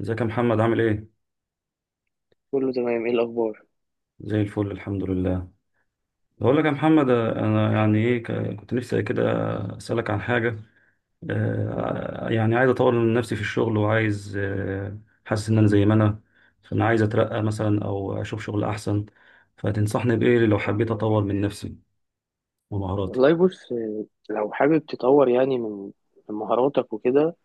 ازيك يا محمد؟ عامل ايه؟ كله تمام، ايه الاخبار؟ زي الفل الحمد لله. بقول لك يا محمد، انا يعني ايه كنت نفسي كده اسالك عن حاجه. يعني عايز اطور من نفسي في الشغل، وعايز حاسس ان انا زي ما انا، فانا عايز اترقى مثلا او اشوف شغل احسن. فتنصحني بايه لو حبيت اطور من نفسي ومهاراتي؟ والله بص، لو حابب تطور يعني من مهاراتك وكده.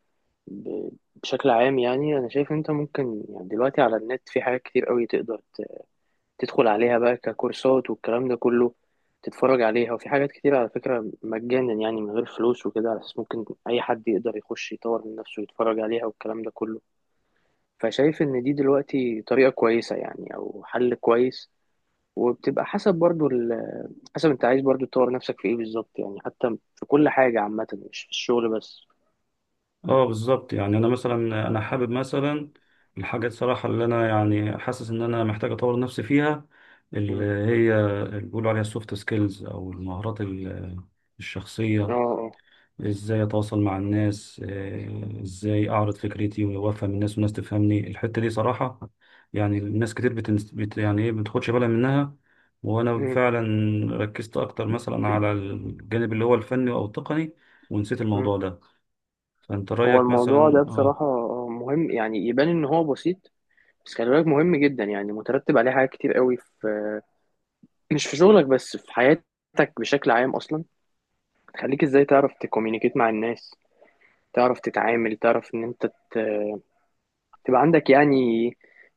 ب- بشكل عام يعني انا شايف انت ممكن يعني دلوقتي على النت في حاجات كتير قوي تقدر تدخل عليها بقى ككورسات والكلام ده كله، تتفرج عليها. وفي حاجات كتير على فكرة مجانا، يعني من غير فلوس وكده، على اساس ممكن اي حد يقدر يخش يطور من نفسه ويتفرج عليها والكلام ده كله. فشايف ان دي دلوقتي طريقة كويسة يعني، او حل كويس. وبتبقى حسب برضو حسب انت عايز برضو تطور نفسك في ايه بالظبط يعني، حتى في كل حاجة عامة، مش في الشغل بس. اه بالظبط، يعني انا مثلا، انا حابب مثلا الحاجات صراحه اللي انا يعني حاسس ان انا محتاج اطور نفسي فيها، اللي مم. هي اللي بيقولوا عليها السوفت سكيلز او المهارات اه الشخصيه. اه. ازاي اتواصل مع الناس، ازاي اعرض فكرتي وافهم الناس والناس تفهمني؟ الحته دي صراحه، يعني الناس كتير يعني ايه بتاخدش بالها منها. وانا مم. فعلا ركزت اكتر مثلا على الجانب اللي هو الفني او التقني، ونسيت مم. الموضوع ده. فأنت هو رأيك الموضوع مثلا؟ ده اه بصراحة مهم، يعني يبان ان هو بسيط، بس خلي بالك مهم جدا، يعني مترتب عليه حاجات كتير قوي مش في شغلك بس في حياتك بشكل عام اصلا. تخليك ازاي تعرف تكومينيكيت مع الناس، تعرف تتعامل، تعرف ان انت تبقى عندك يعني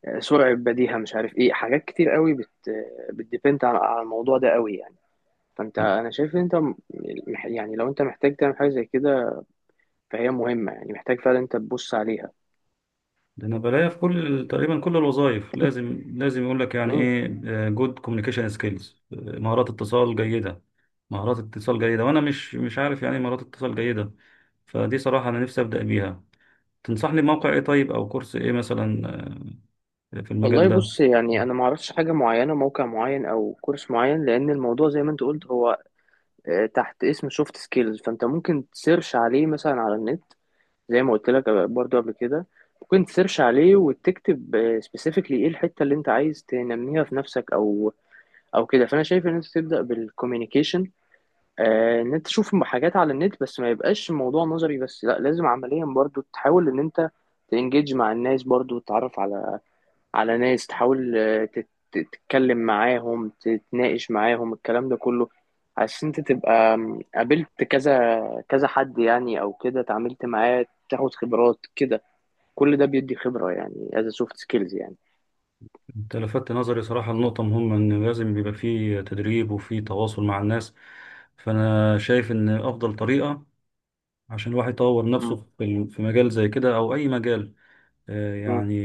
سرعة بديهة، مش عارف ايه. حاجات كتير قوي بت آه، بتديبند على الموضوع ده قوي يعني. فانت، انا شايف ان انت يعني لو انت محتاج تعمل حاجة زي كده فهي مهمة، يعني محتاج فعلا انت تبص عليها. ده أنا بلاقيها في كل، تقريبا كل الوظائف، لازم لازم يقول لك يعني مم. إيه جود كوميونيكيشن سكيلز، مهارات اتصال جيدة، مهارات اتصال جيدة. وأنا مش عارف يعني إيه مهارات اتصال جيدة. فدي صراحة أنا نفسي أبدأ بيها. تنصحني بموقع إيه طيب، أو كورس إيه مثلا في المجال والله ده؟ بص، يعني انا ما اعرفش حاجة معينة، موقع معين او كورس معين، لان الموضوع زي ما انت قلت هو تحت اسم سوفت سكيلز. فانت ممكن تسيرش عليه مثلا على النت، زي ما قلت لك برضو قبل كده. ممكن تسيرش عليه وتكتب سبيسيفيكلي ايه الحته اللي انت عايز تنميها في نفسك او كده. فانا شايف ان انت تبدا بالكوميونيكيشن، ان انت تشوف حاجات على النت، بس ما يبقاش الموضوع نظري بس، لا لازم عمليا برضو تحاول ان انت تنجيج مع الناس، برضو تتعرف على ناس، تحاول تتكلم معاهم، تتناقش معاهم، الكلام ده كله، عشان انت تبقى قابلت كذا كذا حد يعني، او كده اتعاملت معاه، تاخد خبرات كده. كل ده بيدي خبرة يعني as a soft skills يعني. أنت لفتت نظري صراحة لنقطة مهمة، إن لازم بيبقى فيه تدريب وفيه تواصل مع الناس. فأنا شايف إن أفضل طريقة عشان الواحد يطور نفسه م- في في مجال زي كده او اي مجال، آه، م- يعني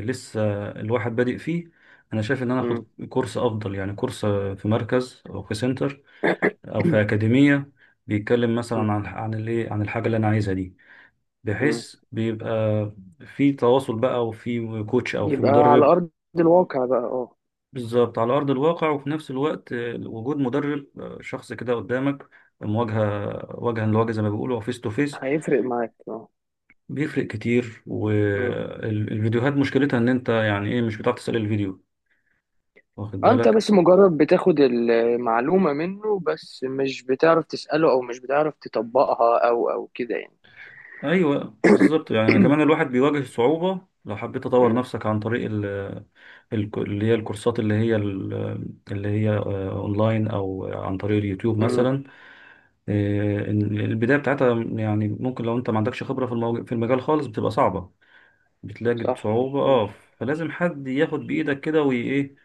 لسه الواحد بادئ فيه، انا شايف ان انا م- اخد كورس افضل، يعني كورس في مركز او في سنتر او في اكاديمية، بيتكلم مثلا م- عن الايه، عن الحاجة اللي انا عايزها دي، م. بحيث بيبقى في تواصل بقى، وفي كوتش او في يبقى على مدرب. أرض الواقع بقى، اه. بالظبط، على ارض الواقع. وفي نفس الوقت وجود مدرب، شخص كده قدامك، مواجهة وجها لوجه زي ما بيقولوا فيس تو فيس. هيفرق معاك، اه. بيفرق كتير. م. والفيديوهات مشكلتها ان انت يعني ايه مش بتعرف تسأل الفيديو، واخد انت بالك؟ بس مجرد بتاخد المعلومة منه، بس مش بتعرف تسأله او مش بتعرف تطبقها او كده يعني. ايوه بالظبط، يعني أنا كمان الواحد بيواجه صعوبة لو حبيت تطور م. نفسك عن طريق ال، اللي هي الكورسات، اللي هي اونلاين او عن طريق اليوتيوب م. مثلا، إن البداية بتاعتها يعني ممكن لو انت ما عندكش خبرة في في المجال خالص، بتبقى صعبة، بتلاقي صح. صعوبة. م. اه، فلازم حد ياخد بإيدك كده، وي ايه،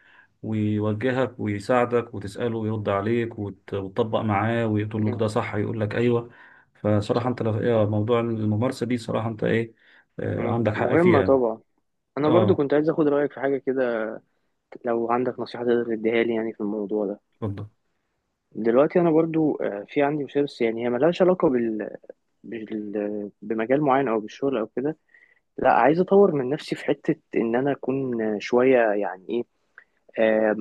ويوجهك ويساعدك وتسأله ويرد عليك، وتطبق معاه، ويقول له كده م. صح، يقول لك أيوه. فصراحة صح. أنت لو إيه، موضوع الممارسة دي صراحة أنت إيه م. عندك حق مهمة فيها. طبعا. انا برضو اه، كنت عايز اخد رأيك في حاجة كده، لو عندك نصيحة تقدر تديها لي يعني في الموضوع ده. اتفضل. دلوقتي انا برضو في عندي مشكله، بس يعني هي ملهاش علاقه بمجال معين او بالشغل او كده. لا عايز اطور من نفسي في حته ان انا اكون شويه، يعني ايه، آه،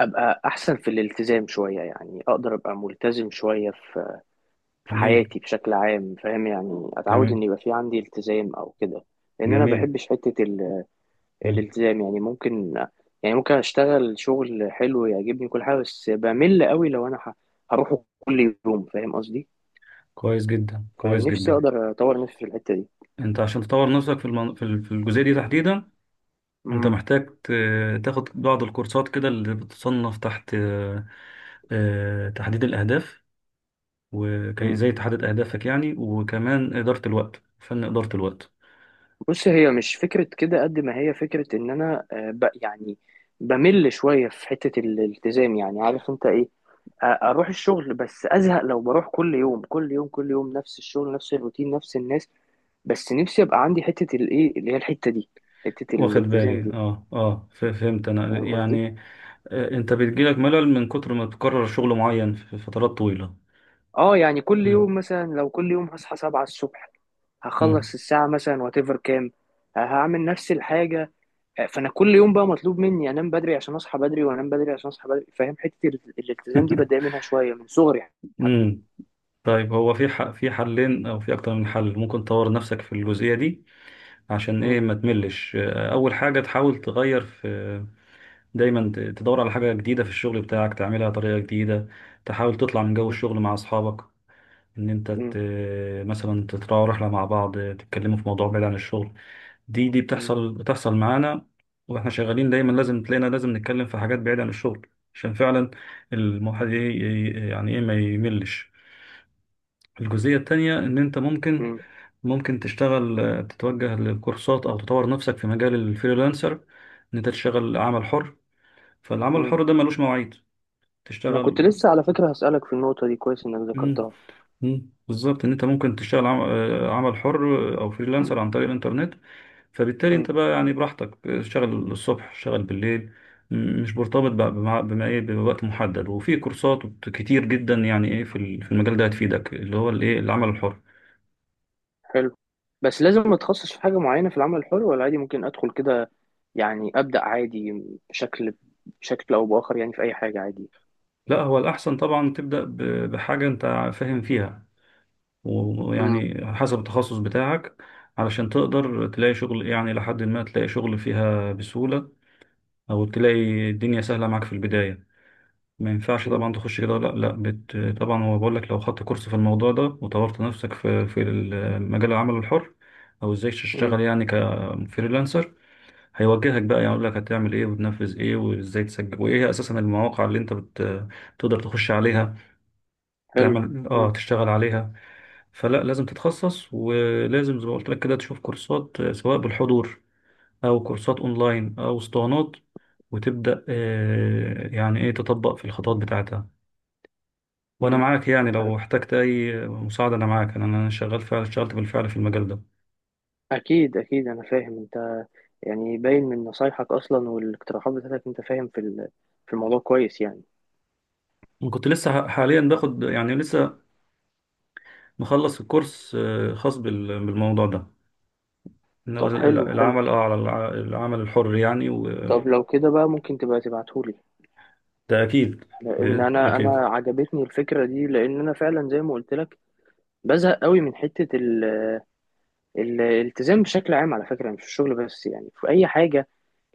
ابقى احسن في الالتزام شويه، يعني اقدر ابقى ملتزم شويه في جميل، حياتي بشكل عام، فاهم؟ يعني اتعود جميل، ان يبقى في عندي التزام او كده. لان انا جميل. بحبش حته مم. الالتزام. يعني ممكن اشتغل شغل حلو يعجبني كل حاجه، بس بمل قوي لو انا هروحه كل يوم، فاهم قصدي؟ كويس جدا، كويس فنفسي جدا. اقدر اطور نفسي في الحته دي. أنت عشان تطور نفسك في في الجزئية دي تحديدا، أنت امم محتاج تاخد بعض الكورسات كده اللي بتصنف تحت تحديد الأهداف، أمم. وازاي تحدد اهدافك يعني، وكمان اداره الوقت، فن اداره الوقت. بص، هي مش فكره كده قد ما هي فكره ان انا، آه، ب يعني بمل شويه في حته الالتزام، يعني عارف انت ايه؟ اروح الشغل بس ازهق، لو بروح كل يوم كل يوم كل يوم نفس الشغل، نفس الروتين، نفس الناس. بس نفسي ابقى عندي حته الايه، اللي هي الحته دي، حته واخد بالي، الالتزام دي، اه اه، فهمت انا فاهم قصدي؟ يعني، انت بتجيلك ملل من كتر ما تكرر شغل معين في فترات طويله. اه يعني كل مم. يوم مثلا، لو كل يوم هصحى 7 الصبح، مم. هخلص الساعه مثلا واتيفر كام، هعمل نفس الحاجة. فانا كل يوم بقى مطلوب مني انام بدري عشان اصحى بدري، وانام بدري عشان اصحى بدري. فاهم، حته الالتزام دي بتضايق منها شويه من صغري حتى. امم طيب، هو في في حلين او في اكتر من حل ممكن تطور نفسك في الجزئيه دي عشان ايه مم. ما تملش. اول حاجه، تحاول تغير في، دايما تدور على حاجه جديده في الشغل بتاعك تعملها بطريقه جديده. تحاول تطلع من جو مم. الشغل مع اصحابك، ان انت مم. مثلا تطلعوا رحله مع بعض تتكلموا في موضوع بعيد عن الشغل. دي بتحصل معانا، واحنا شغالين دايما لازم تلاقينا لازم نتكلم في حاجات بعيده عن الشغل، عشان فعلا الواحد يعني ايه ما يملش. الجزئيه التانيه، ان انت ممكن، مم. ممكن تشتغل، تتوجه للكورسات او تطور نفسك في مجال الفريلانسر، ان انت تشتغل عمل حر. فالعمل مم. الحر ده ملوش مواعيد، انا كنت تشتغل. لسه على فكره هسالك في النقطه دي، كويس انك ذكرتها. مم. بالظبط، ان انت ممكن تشتغل عمل حر، او فريلانسر عن طريق الانترنت. فبالتالي مم. انت بقى يعني براحتك، اشتغل الصبح، اشتغل بالليل. مش مرتبط بقى بما ايه، بوقت محدد. وفي كورسات كتير جدا يعني ايه في في المجال ده هتفيدك، اللي هو الايه، العمل الحر. حلو. بس لازم اتخصص في حاجه معينه في العمل الحر، ولا عادي ممكن ادخل كده، يعني ابدا عادي، بشكل بشكل او باخر يعني، في اي حاجه عادي. لا هو الاحسن طبعا تبدا بحاجه انت فاهم فيها، مم. ويعني حسب التخصص بتاعك، علشان تقدر تلاقي شغل، يعني لحد ما تلاقي شغل فيها بسهوله، او تلاقي الدنيا سهله معاك في البدايه. ما ينفعش مم. طبعا تخش كده، لا لا طبعا. هو بقول لك، لو خدت كورس في الموضوع ده، وطورت نفسك في، في مجال العمل الحر، او ازاي مم. تشتغل يعني كفريلانسر، هيوجهك بقى يعني، يقول لك هتعمل ايه وتنفذ ايه وازاي تسجل وايه هي اساسا المواقع اللي انت تقدر تخش عليها حلو. تعمل مم. اه تشتغل عليها. فلا لازم تتخصص، ولازم زي ما قلت لك كده تشوف كورسات، سواء بالحضور او كورسات اونلاين او اسطوانات، وتبدأ يعني ايه تطبق في الخطوات بتاعتها. وانا مم. معاك يعني، لو احتجت اي مساعده انا معاك، أنا شغال فعلا، اشتغلت بالفعل في المجال ده، اكيد اكيد، انا فاهم انت. يعني باين من نصايحك أصلا والاقتراحات بتاعتك، أنت فاهم في في الموضوع كويس يعني. وكنت لسه حاليا باخد، يعني لسه مخلص الكورس خاص بالموضوع ده، إن هو طب حلو حلو. العمل، اه، على العمل الحر يعني، وده. طب لو كده بقى، ممكن تبقى تبعتهولي؟ اكيد. لأن أنا اكيد. عجبتني الفكرة دي، لأن أنا فعلا زي ما قلت لك بزهق قوي من حتة الالتزام بشكل عام، على فكرة مش في الشغل بس يعني، في أي حاجة.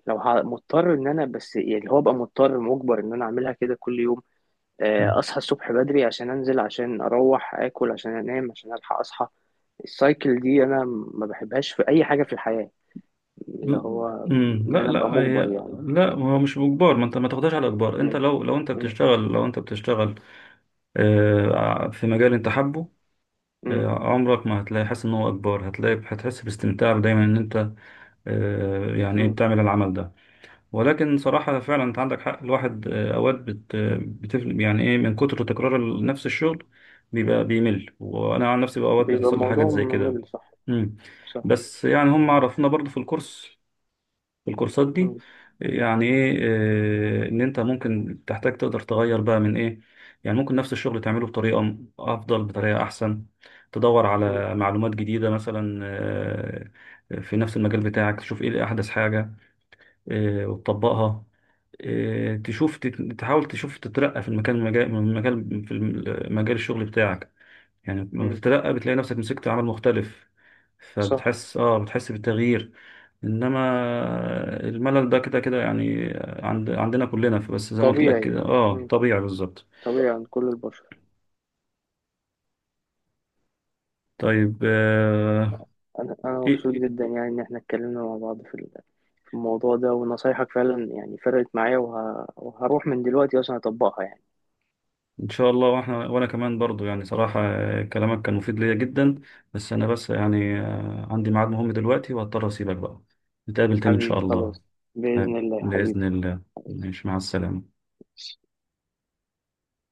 لو مضطر إن أنا، بس يعني اللي هو، أبقى مضطر مجبر إن أنا أعملها كده كل يوم. م. اصحى الصبح بدري عشان انزل، عشان اروح اكل، عشان انام عشان الحق اصحى. السايكل دي انا ما بحبهاش في اي حاجه في الحياه، اللي هو م. ان لا انا ابقى لا هي، مجبر يعني. لا هو مش باجبار. ما انت ما تاخدهاش على اجبار. انت م- لو، لو انت م- بتشتغل لو انت بتشتغل في مجال انت حابه، م- عمرك ما هتلاقي حاسس ان هو اجبار. هتلاقي هتحس باستمتاع دايما ان انت يعني ايه م. بتعمل العمل ده. ولكن صراحة فعلا انت عندك حق، الواحد اوقات بتفل يعني ايه من كتر تكرار نفس الشغل، بيبقى بيمل. وانا عن نفسي بقى اوقات بيبقى بتحصل لي الموضوع حاجات زي كده. ممل، صح. مم. صح. بس يعني هم عرفونا برضو في الكورس، الكورسات دي، م- يعني ايه، ان انت ممكن تحتاج تقدر تغير بقى من ايه، يعني ممكن نفس الشغل تعمله بطريقة افضل، بطريقة احسن. تدور م- على معلومات جديدة مثلا في نفس المجال بتاعك، تشوف ايه احدث حاجة وتطبقها. تشوف، تحاول تشوف تترقى في المكان، مجال من مجال في مجال الشغل بتاعك. يعني لما م. بتترقى بتلاقي نفسك مسكت عمل مختلف، صح. فبتحس، اه، بتحس بالتغيير. انما الملل ده كده كده يعني، عندنا كلنا. فبس زي ما قلت لك طبيعي. كده، اه، م. طبيعي بالظبط. طبيعي عند كل البشر. طيب، آه، انا إيه، مبسوط إيه، جدا يعني ان احنا اتكلمنا مع بعض في في الموضوع ده، ونصايحك فعلا يعني فرقت معايا، وهروح من دلوقتي اصلا اطبقها يعني. ان شاء الله. واحنا وانا كمان برضو يعني صراحة كلامك كان مفيد ليا جدا. بس انا يعني عندي ميعاد مهم دلوقتي، وهضطر اسيبك بقى. نتقابل تاني ان شاء حبيبي خلاص. الله. آه، بإذن الله بإذن حبيبي. الله. ماشي، مع السلامة.